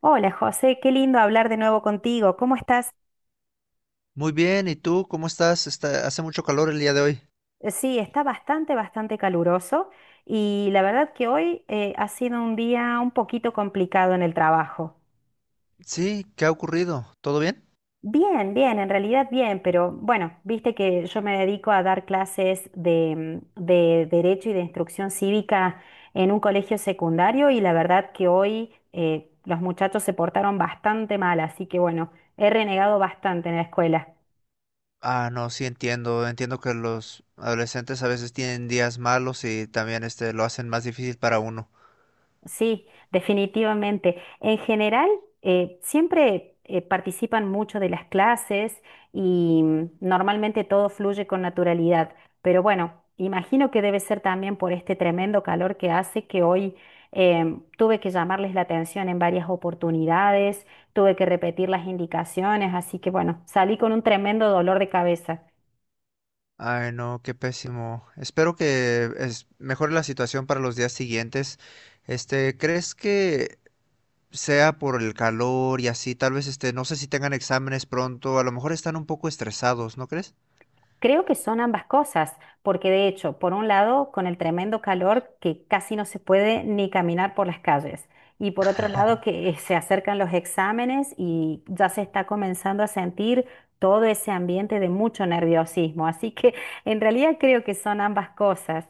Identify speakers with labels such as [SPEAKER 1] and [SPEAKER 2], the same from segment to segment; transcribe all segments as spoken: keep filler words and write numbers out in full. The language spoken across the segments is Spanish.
[SPEAKER 1] Hola José, qué lindo hablar de nuevo contigo. ¿Cómo estás?
[SPEAKER 2] Muy bien, ¿y tú cómo estás? Está, hace mucho calor el día de hoy.
[SPEAKER 1] Eh, Sí, está bastante, bastante caluroso y la verdad que hoy eh, ha sido un día un poquito complicado en el trabajo.
[SPEAKER 2] Sí, ¿qué ha ocurrido? ¿Todo bien?
[SPEAKER 1] Bien, bien, en realidad bien, pero bueno, viste que yo me dedico a dar clases de, mm, de Derecho y de Instrucción Cívica en un colegio secundario y la verdad que hoy eh, los muchachos se portaron bastante mal, así que bueno, he renegado bastante en la escuela.
[SPEAKER 2] Ah, no, sí entiendo. Entiendo que los adolescentes a veces tienen días malos y también este lo hacen más difícil para uno.
[SPEAKER 1] Sí, definitivamente. En general, eh, siempre eh, participan mucho de las clases y mm, normalmente todo fluye con naturalidad. Pero bueno, imagino que debe ser también por este tremendo calor que hace que hoy em, tuve que llamarles la atención en varias oportunidades, tuve que repetir las indicaciones, así que bueno, salí con un tremendo dolor de cabeza.
[SPEAKER 2] Ay, no, qué pésimo. Espero que es, mejore la situación para los días siguientes. Este, ¿crees que sea por el calor y así? Tal vez este, no sé si tengan exámenes pronto, a lo mejor están un poco estresados, ¿no crees?
[SPEAKER 1] Creo que son ambas cosas, porque de hecho, por un lado, con el tremendo calor que casi no se puede ni caminar por las calles, y por otro lado, que se acercan los exámenes y ya se está comenzando a sentir todo ese ambiente de mucho nerviosismo. Así que en realidad creo que son ambas cosas.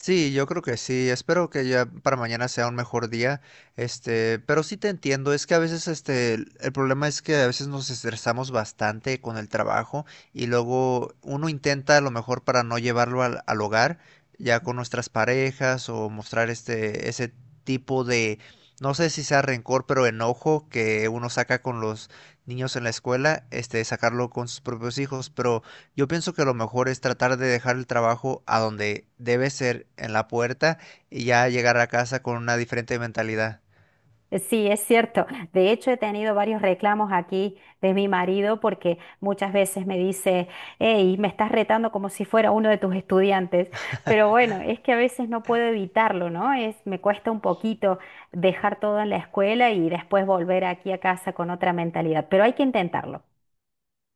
[SPEAKER 2] Sí, yo creo que sí. Espero que ya para mañana sea un mejor día. Este, pero sí te entiendo. Es que a veces, este, el el problema es que a veces nos estresamos bastante con el trabajo y luego uno intenta a lo mejor para no llevarlo al, al hogar, ya con nuestras parejas o mostrar este, ese tipo de, no sé si sea rencor, pero enojo que uno saca con los niños en la escuela, este, sacarlo con sus propios hijos, pero yo pienso que lo mejor es tratar de dejar el trabajo a donde debe ser, en la puerta, y ya llegar a casa con una diferente mentalidad.
[SPEAKER 1] Sí, es cierto. De hecho, he tenido varios reclamos aquí de mi marido porque muchas veces me dice, hey, me estás retando como si fuera uno de tus estudiantes. Pero bueno, es que a veces no puedo evitarlo, ¿no? Es, me cuesta un poquito dejar todo en la escuela y después volver aquí a casa con otra mentalidad, pero hay que intentarlo.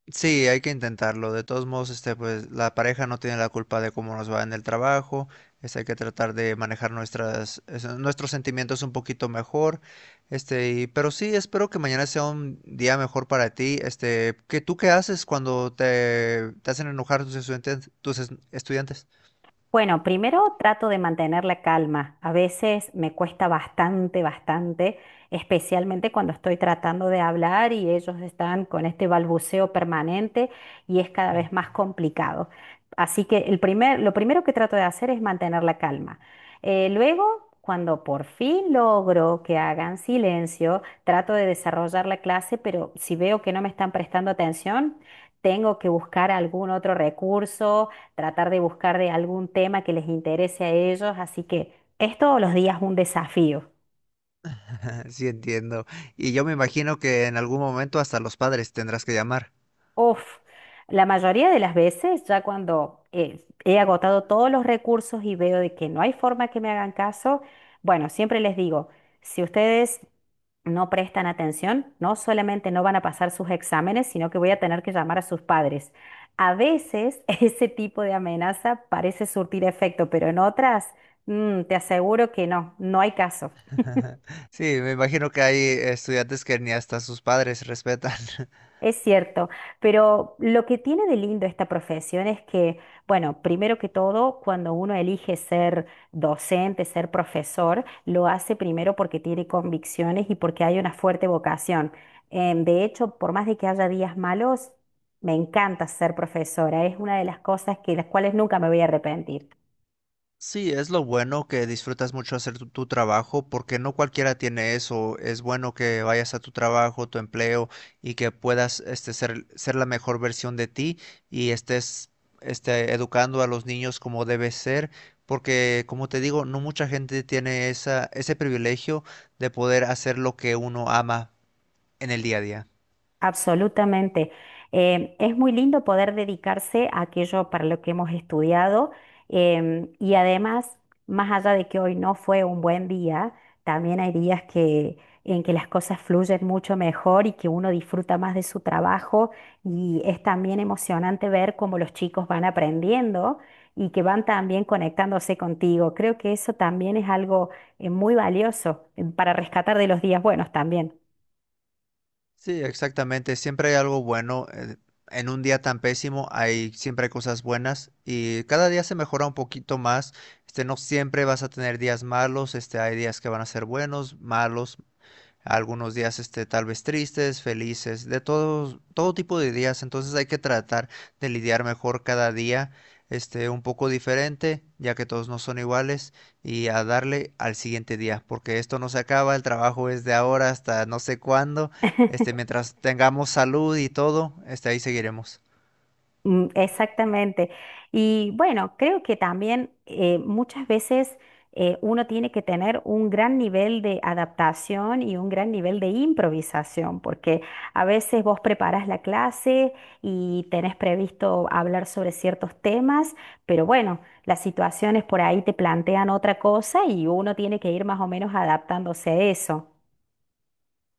[SPEAKER 2] Sí, hay que intentarlo. De todos modos, este, pues la pareja no tiene la culpa de cómo nos va en el trabajo. Este, hay que tratar de manejar nuestras, es- nuestros sentimientos un poquito mejor. Este, y- pero sí, espero que mañana sea un día mejor para ti. Este, ¿qué tú qué haces cuando te, te hacen enojar tus estudiantes, tus es- estudiantes?
[SPEAKER 1] Bueno, primero trato de mantener la calma. A veces me cuesta bastante, bastante, especialmente cuando estoy tratando de hablar y ellos están con este balbuceo permanente y es cada vez más complicado. Así que el primer, lo primero que trato de hacer es mantener la calma. Eh, luego, cuando por fin logro que hagan silencio, trato de desarrollar la clase, pero si veo que no me están prestando atención, tengo que buscar algún otro recurso tratar de buscar de algún tema que les interese a ellos, así que es todos los días un desafío.
[SPEAKER 2] Sí, entiendo. Y yo me imagino que en algún momento hasta los padres tendrás que llamar.
[SPEAKER 1] Uf, la mayoría de las veces ya cuando eh, he agotado todos los recursos y veo de que no hay forma que me hagan caso, bueno, siempre les digo, si ustedes no prestan atención, no solamente no van a pasar sus exámenes, sino que voy a tener que llamar a sus padres. A veces ese tipo de amenaza parece surtir efecto, pero en otras, mm, te aseguro que no, no hay caso.
[SPEAKER 2] Sí, me imagino que hay estudiantes que ni hasta sus padres respetan.
[SPEAKER 1] Es cierto, pero lo que tiene de lindo esta profesión es que, bueno, primero que todo, cuando uno elige ser docente, ser profesor, lo hace primero porque tiene convicciones y porque hay una fuerte vocación. Em, de hecho, por más de que haya días malos, me encanta ser profesora. Es una de las cosas que las cuales nunca me voy a arrepentir.
[SPEAKER 2] Sí, es lo bueno que disfrutas mucho hacer tu, tu trabajo, porque no cualquiera tiene eso. Es bueno que vayas a tu trabajo, tu empleo, y que puedas este, ser, ser la mejor versión de ti y estés este, educando a los niños como debe ser, porque como te digo, no mucha gente tiene esa, ese privilegio de poder hacer lo que uno ama en el día a día.
[SPEAKER 1] Absolutamente. Eh, es muy lindo poder dedicarse a aquello para lo que hemos estudiado em, y además, más allá de que hoy no fue un buen día, también hay días que, en que las cosas fluyen mucho mejor y que uno disfruta más de su trabajo y es también emocionante ver cómo los chicos van aprendiendo y que van también conectándose contigo. Creo que eso también es algo eh, muy valioso eh, para rescatar de los días buenos también.
[SPEAKER 2] Sí, exactamente. Siempre hay algo bueno. eh, En un día tan pésimo hay siempre hay cosas buenas y cada día se mejora un poquito más. Este, no siempre vas a tener días malos. Este, hay días que van a ser buenos, malos, algunos días este, tal vez tristes, felices, de todo, todo tipo de días. Entonces hay que tratar de lidiar mejor cada día, este, un poco diferente, ya que todos no son iguales, y a darle al siguiente día, porque esto no se acaba, el trabajo es de ahora hasta no sé cuándo, este, mientras tengamos salud y todo, este, ahí seguiremos.
[SPEAKER 1] Mm, exactamente. Y bueno, creo que también eh, muchas veces eh, uno tiene que tener un gran nivel de adaptación y un gran nivel de improvisación, porque a veces vos preparas la clase y tenés previsto hablar sobre ciertos temas, pero bueno, las situaciones por ahí te plantean otra cosa y uno tiene que ir más o menos adaptándose a eso.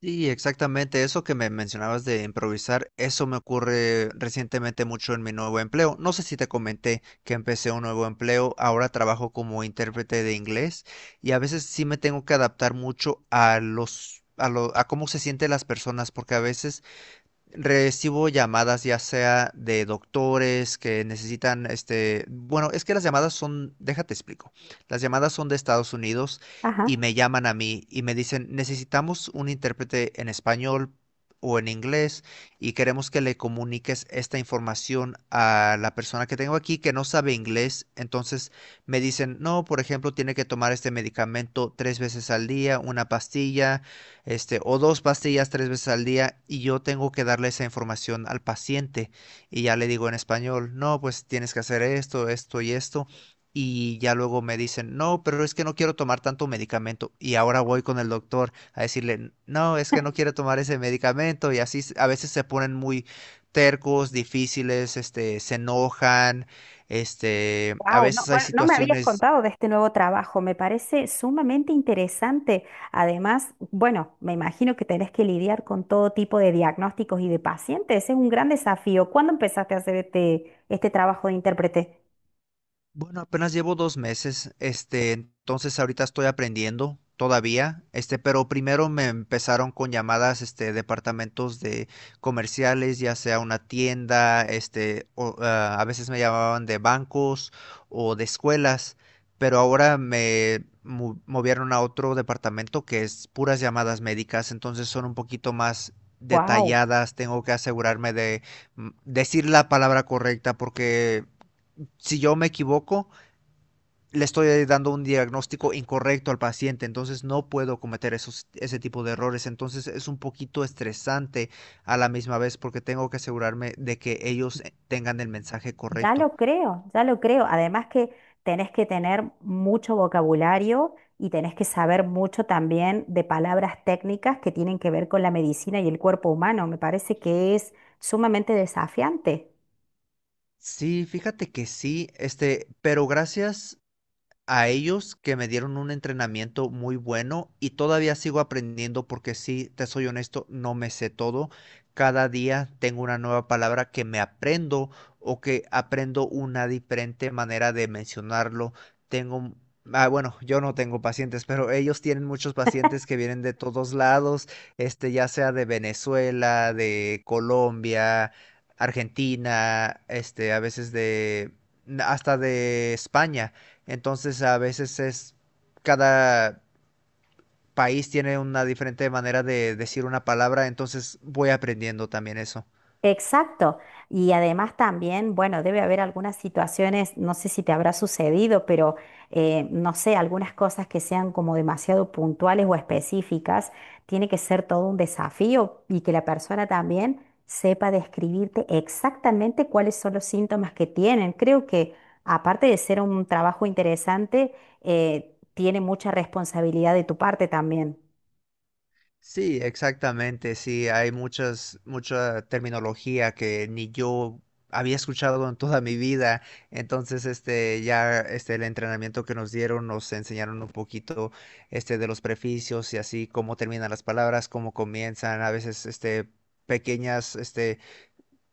[SPEAKER 2] Sí, exactamente. Eso que me mencionabas de improvisar, eso me ocurre recientemente mucho en mi nuevo empleo. No sé si te comenté que empecé un nuevo empleo. Ahora trabajo como intérprete de inglés y a veces sí me tengo que adaptar mucho a los, a lo, a cómo se sienten las personas, porque a veces recibo llamadas ya sea de doctores que necesitan, este, bueno, es que las llamadas son, déjate explico, las llamadas son de Estados Unidos y
[SPEAKER 1] Ajá.
[SPEAKER 2] me llaman a mí y me dicen, necesitamos un intérprete en español o en inglés y queremos que le comuniques esta información a la persona que tengo aquí que no sabe inglés. Entonces me dicen, no, por ejemplo, tiene que tomar este medicamento tres veces al día, una pastilla, este, o dos pastillas tres veces al día, y yo tengo que darle esa información al paciente y ya le digo en español, no, pues tienes que hacer esto, esto y esto. Y ya luego me dicen, no, pero es que no quiero tomar tanto medicamento. Y ahora voy con el doctor a decirle, no, es que no quiero tomar ese medicamento. Y así a veces se ponen muy tercos, difíciles, este, se enojan, este, a
[SPEAKER 1] Wow, no,
[SPEAKER 2] veces hay
[SPEAKER 1] bueno, no me habías
[SPEAKER 2] situaciones.
[SPEAKER 1] contado de este nuevo trabajo, me parece sumamente interesante. Además, bueno, me imagino que tenés que lidiar con todo tipo de diagnósticos y de pacientes, es un gran desafío. ¿Cuándo empezaste a hacer este, este trabajo de intérprete?
[SPEAKER 2] Bueno, apenas llevo dos meses, este, entonces ahorita estoy aprendiendo todavía, este, pero primero me empezaron con llamadas, este, departamentos de comerciales, ya sea una tienda, este, o, ah, a veces me llamaban de bancos o de escuelas, pero ahora me mu- movieron a otro departamento que es puras llamadas médicas, entonces son un poquito más
[SPEAKER 1] Wow,
[SPEAKER 2] detalladas, tengo que asegurarme de mm, decir la palabra correcta porque si yo me equivoco, le estoy dando un diagnóstico incorrecto al paciente, entonces no puedo cometer esos, ese tipo de errores. Entonces es un poquito estresante a la misma vez porque tengo que asegurarme de que ellos eh, tengan el mensaje
[SPEAKER 1] ya
[SPEAKER 2] correcto.
[SPEAKER 1] lo creo, ya lo creo. Además que tenés que tener mucho vocabulario y tenés que saber mucho también de palabras técnicas que tienen que ver con la medicina y el cuerpo humano. Me parece que es sumamente desafiante.
[SPEAKER 2] Sí, fíjate que sí, este, pero gracias a ellos que me dieron un entrenamiento muy bueno y todavía sigo aprendiendo porque sí, te soy honesto, no me sé todo. Cada día tengo una nueva palabra que me aprendo o que aprendo una diferente manera de mencionarlo. Tengo, ah, bueno, yo no tengo pacientes, pero ellos tienen muchos pacientes que vienen de todos lados, este, ya sea de Venezuela, de Colombia, Argentina, este, a veces de hasta de España. Entonces a veces es, cada país tiene una diferente manera de decir una palabra, entonces voy aprendiendo también eso.
[SPEAKER 1] Exacto. Y además también, bueno, debe haber algunas situaciones, no sé si te habrá sucedido, pero eh, no sé, algunas cosas que sean como demasiado puntuales o específicas, tiene que ser todo un desafío y que la persona también sepa describirte exactamente cuáles son los síntomas que tienen. Creo que aparte de ser un trabajo interesante, eh, tiene mucha responsabilidad de tu parte también.
[SPEAKER 2] Sí, exactamente, sí, hay muchas, mucha terminología que ni yo había escuchado en toda mi vida. Entonces, este, ya, este, el entrenamiento que nos dieron nos enseñaron un poquito, este, de los preficios y así, cómo terminan las palabras, cómo comienzan, a veces, este, pequeñas, este,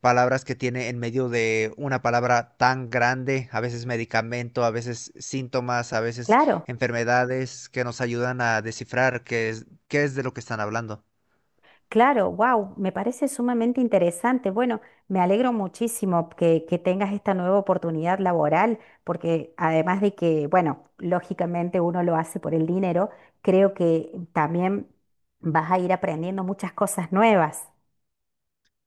[SPEAKER 2] palabras que tiene en medio de una palabra tan grande, a veces medicamento, a veces síntomas, a veces
[SPEAKER 1] Claro.
[SPEAKER 2] enfermedades que nos ayudan a descifrar qué es, qué es de lo que están hablando.
[SPEAKER 1] Claro, wow, me parece sumamente interesante. Bueno, me alegro muchísimo que, que tengas esta nueva oportunidad laboral, porque además de que, bueno, lógicamente uno lo hace por el dinero, creo que también vas a ir aprendiendo muchas cosas nuevas.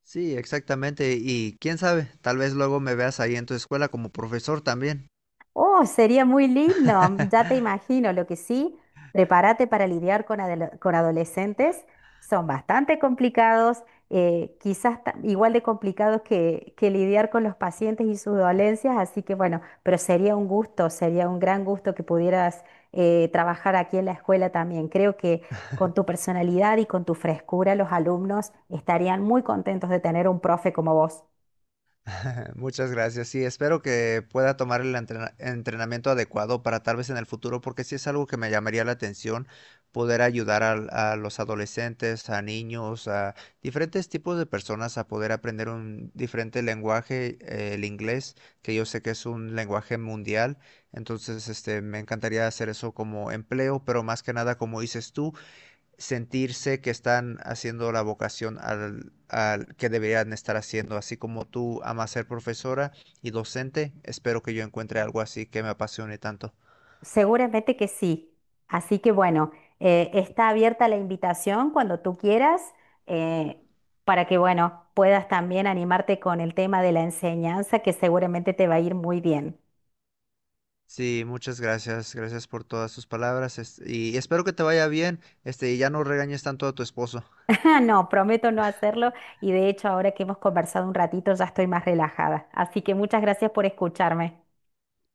[SPEAKER 2] Sí, exactamente. Y quién sabe, tal vez luego me veas ahí en tu escuela como profesor también.
[SPEAKER 1] Oh, sería muy lindo, ya te imagino. Lo que sí, prepárate para lidiar con, adole- con adolescentes. Son bastante complicados, eh, quizás ta- igual de complicados que, que lidiar con los pacientes y sus dolencias. Así que bueno, pero sería un gusto, sería un gran gusto que pudieras eh, trabajar aquí en la escuela también. Creo que con tu personalidad y con tu frescura, los alumnos estarían muy contentos de tener un profe como vos.
[SPEAKER 2] Muchas gracias. Sí, espero que pueda tomar el entrena- entrenamiento adecuado para tal vez en el futuro, porque sí es algo que me llamaría la atención, poder ayudar al- a, los adolescentes, a niños, a diferentes tipos de personas a poder aprender un diferente lenguaje, eh, el inglés, que yo sé que es un lenguaje mundial. Entonces, este, me encantaría hacer eso como empleo, pero más que nada, como dices tú, sentirse que están haciendo la vocación al, al que deberían estar haciendo. Así como tú amas ser profesora y docente, espero que yo encuentre algo así que me apasione tanto.
[SPEAKER 1] Seguramente que sí. Así que bueno, eh, está abierta la invitación cuando tú quieras, eh, para que bueno, puedas también animarte con el tema de la enseñanza, que seguramente te va a ir muy bien.
[SPEAKER 2] Sí, muchas gracias, gracias por todas sus palabras es- y espero que te vaya bien, este, y ya no regañes tanto a tu esposo.
[SPEAKER 1] Ah, no, prometo no hacerlo y de hecho ahora que hemos conversado un ratito ya estoy más relajada. Así que muchas gracias por escucharme.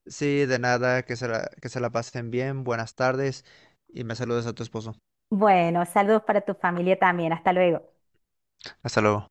[SPEAKER 2] Sí, de nada, que se la, que se la pasen bien, buenas tardes y me saludes a tu esposo.
[SPEAKER 1] Bueno, saludos para tu familia también. Hasta luego.
[SPEAKER 2] Hasta luego.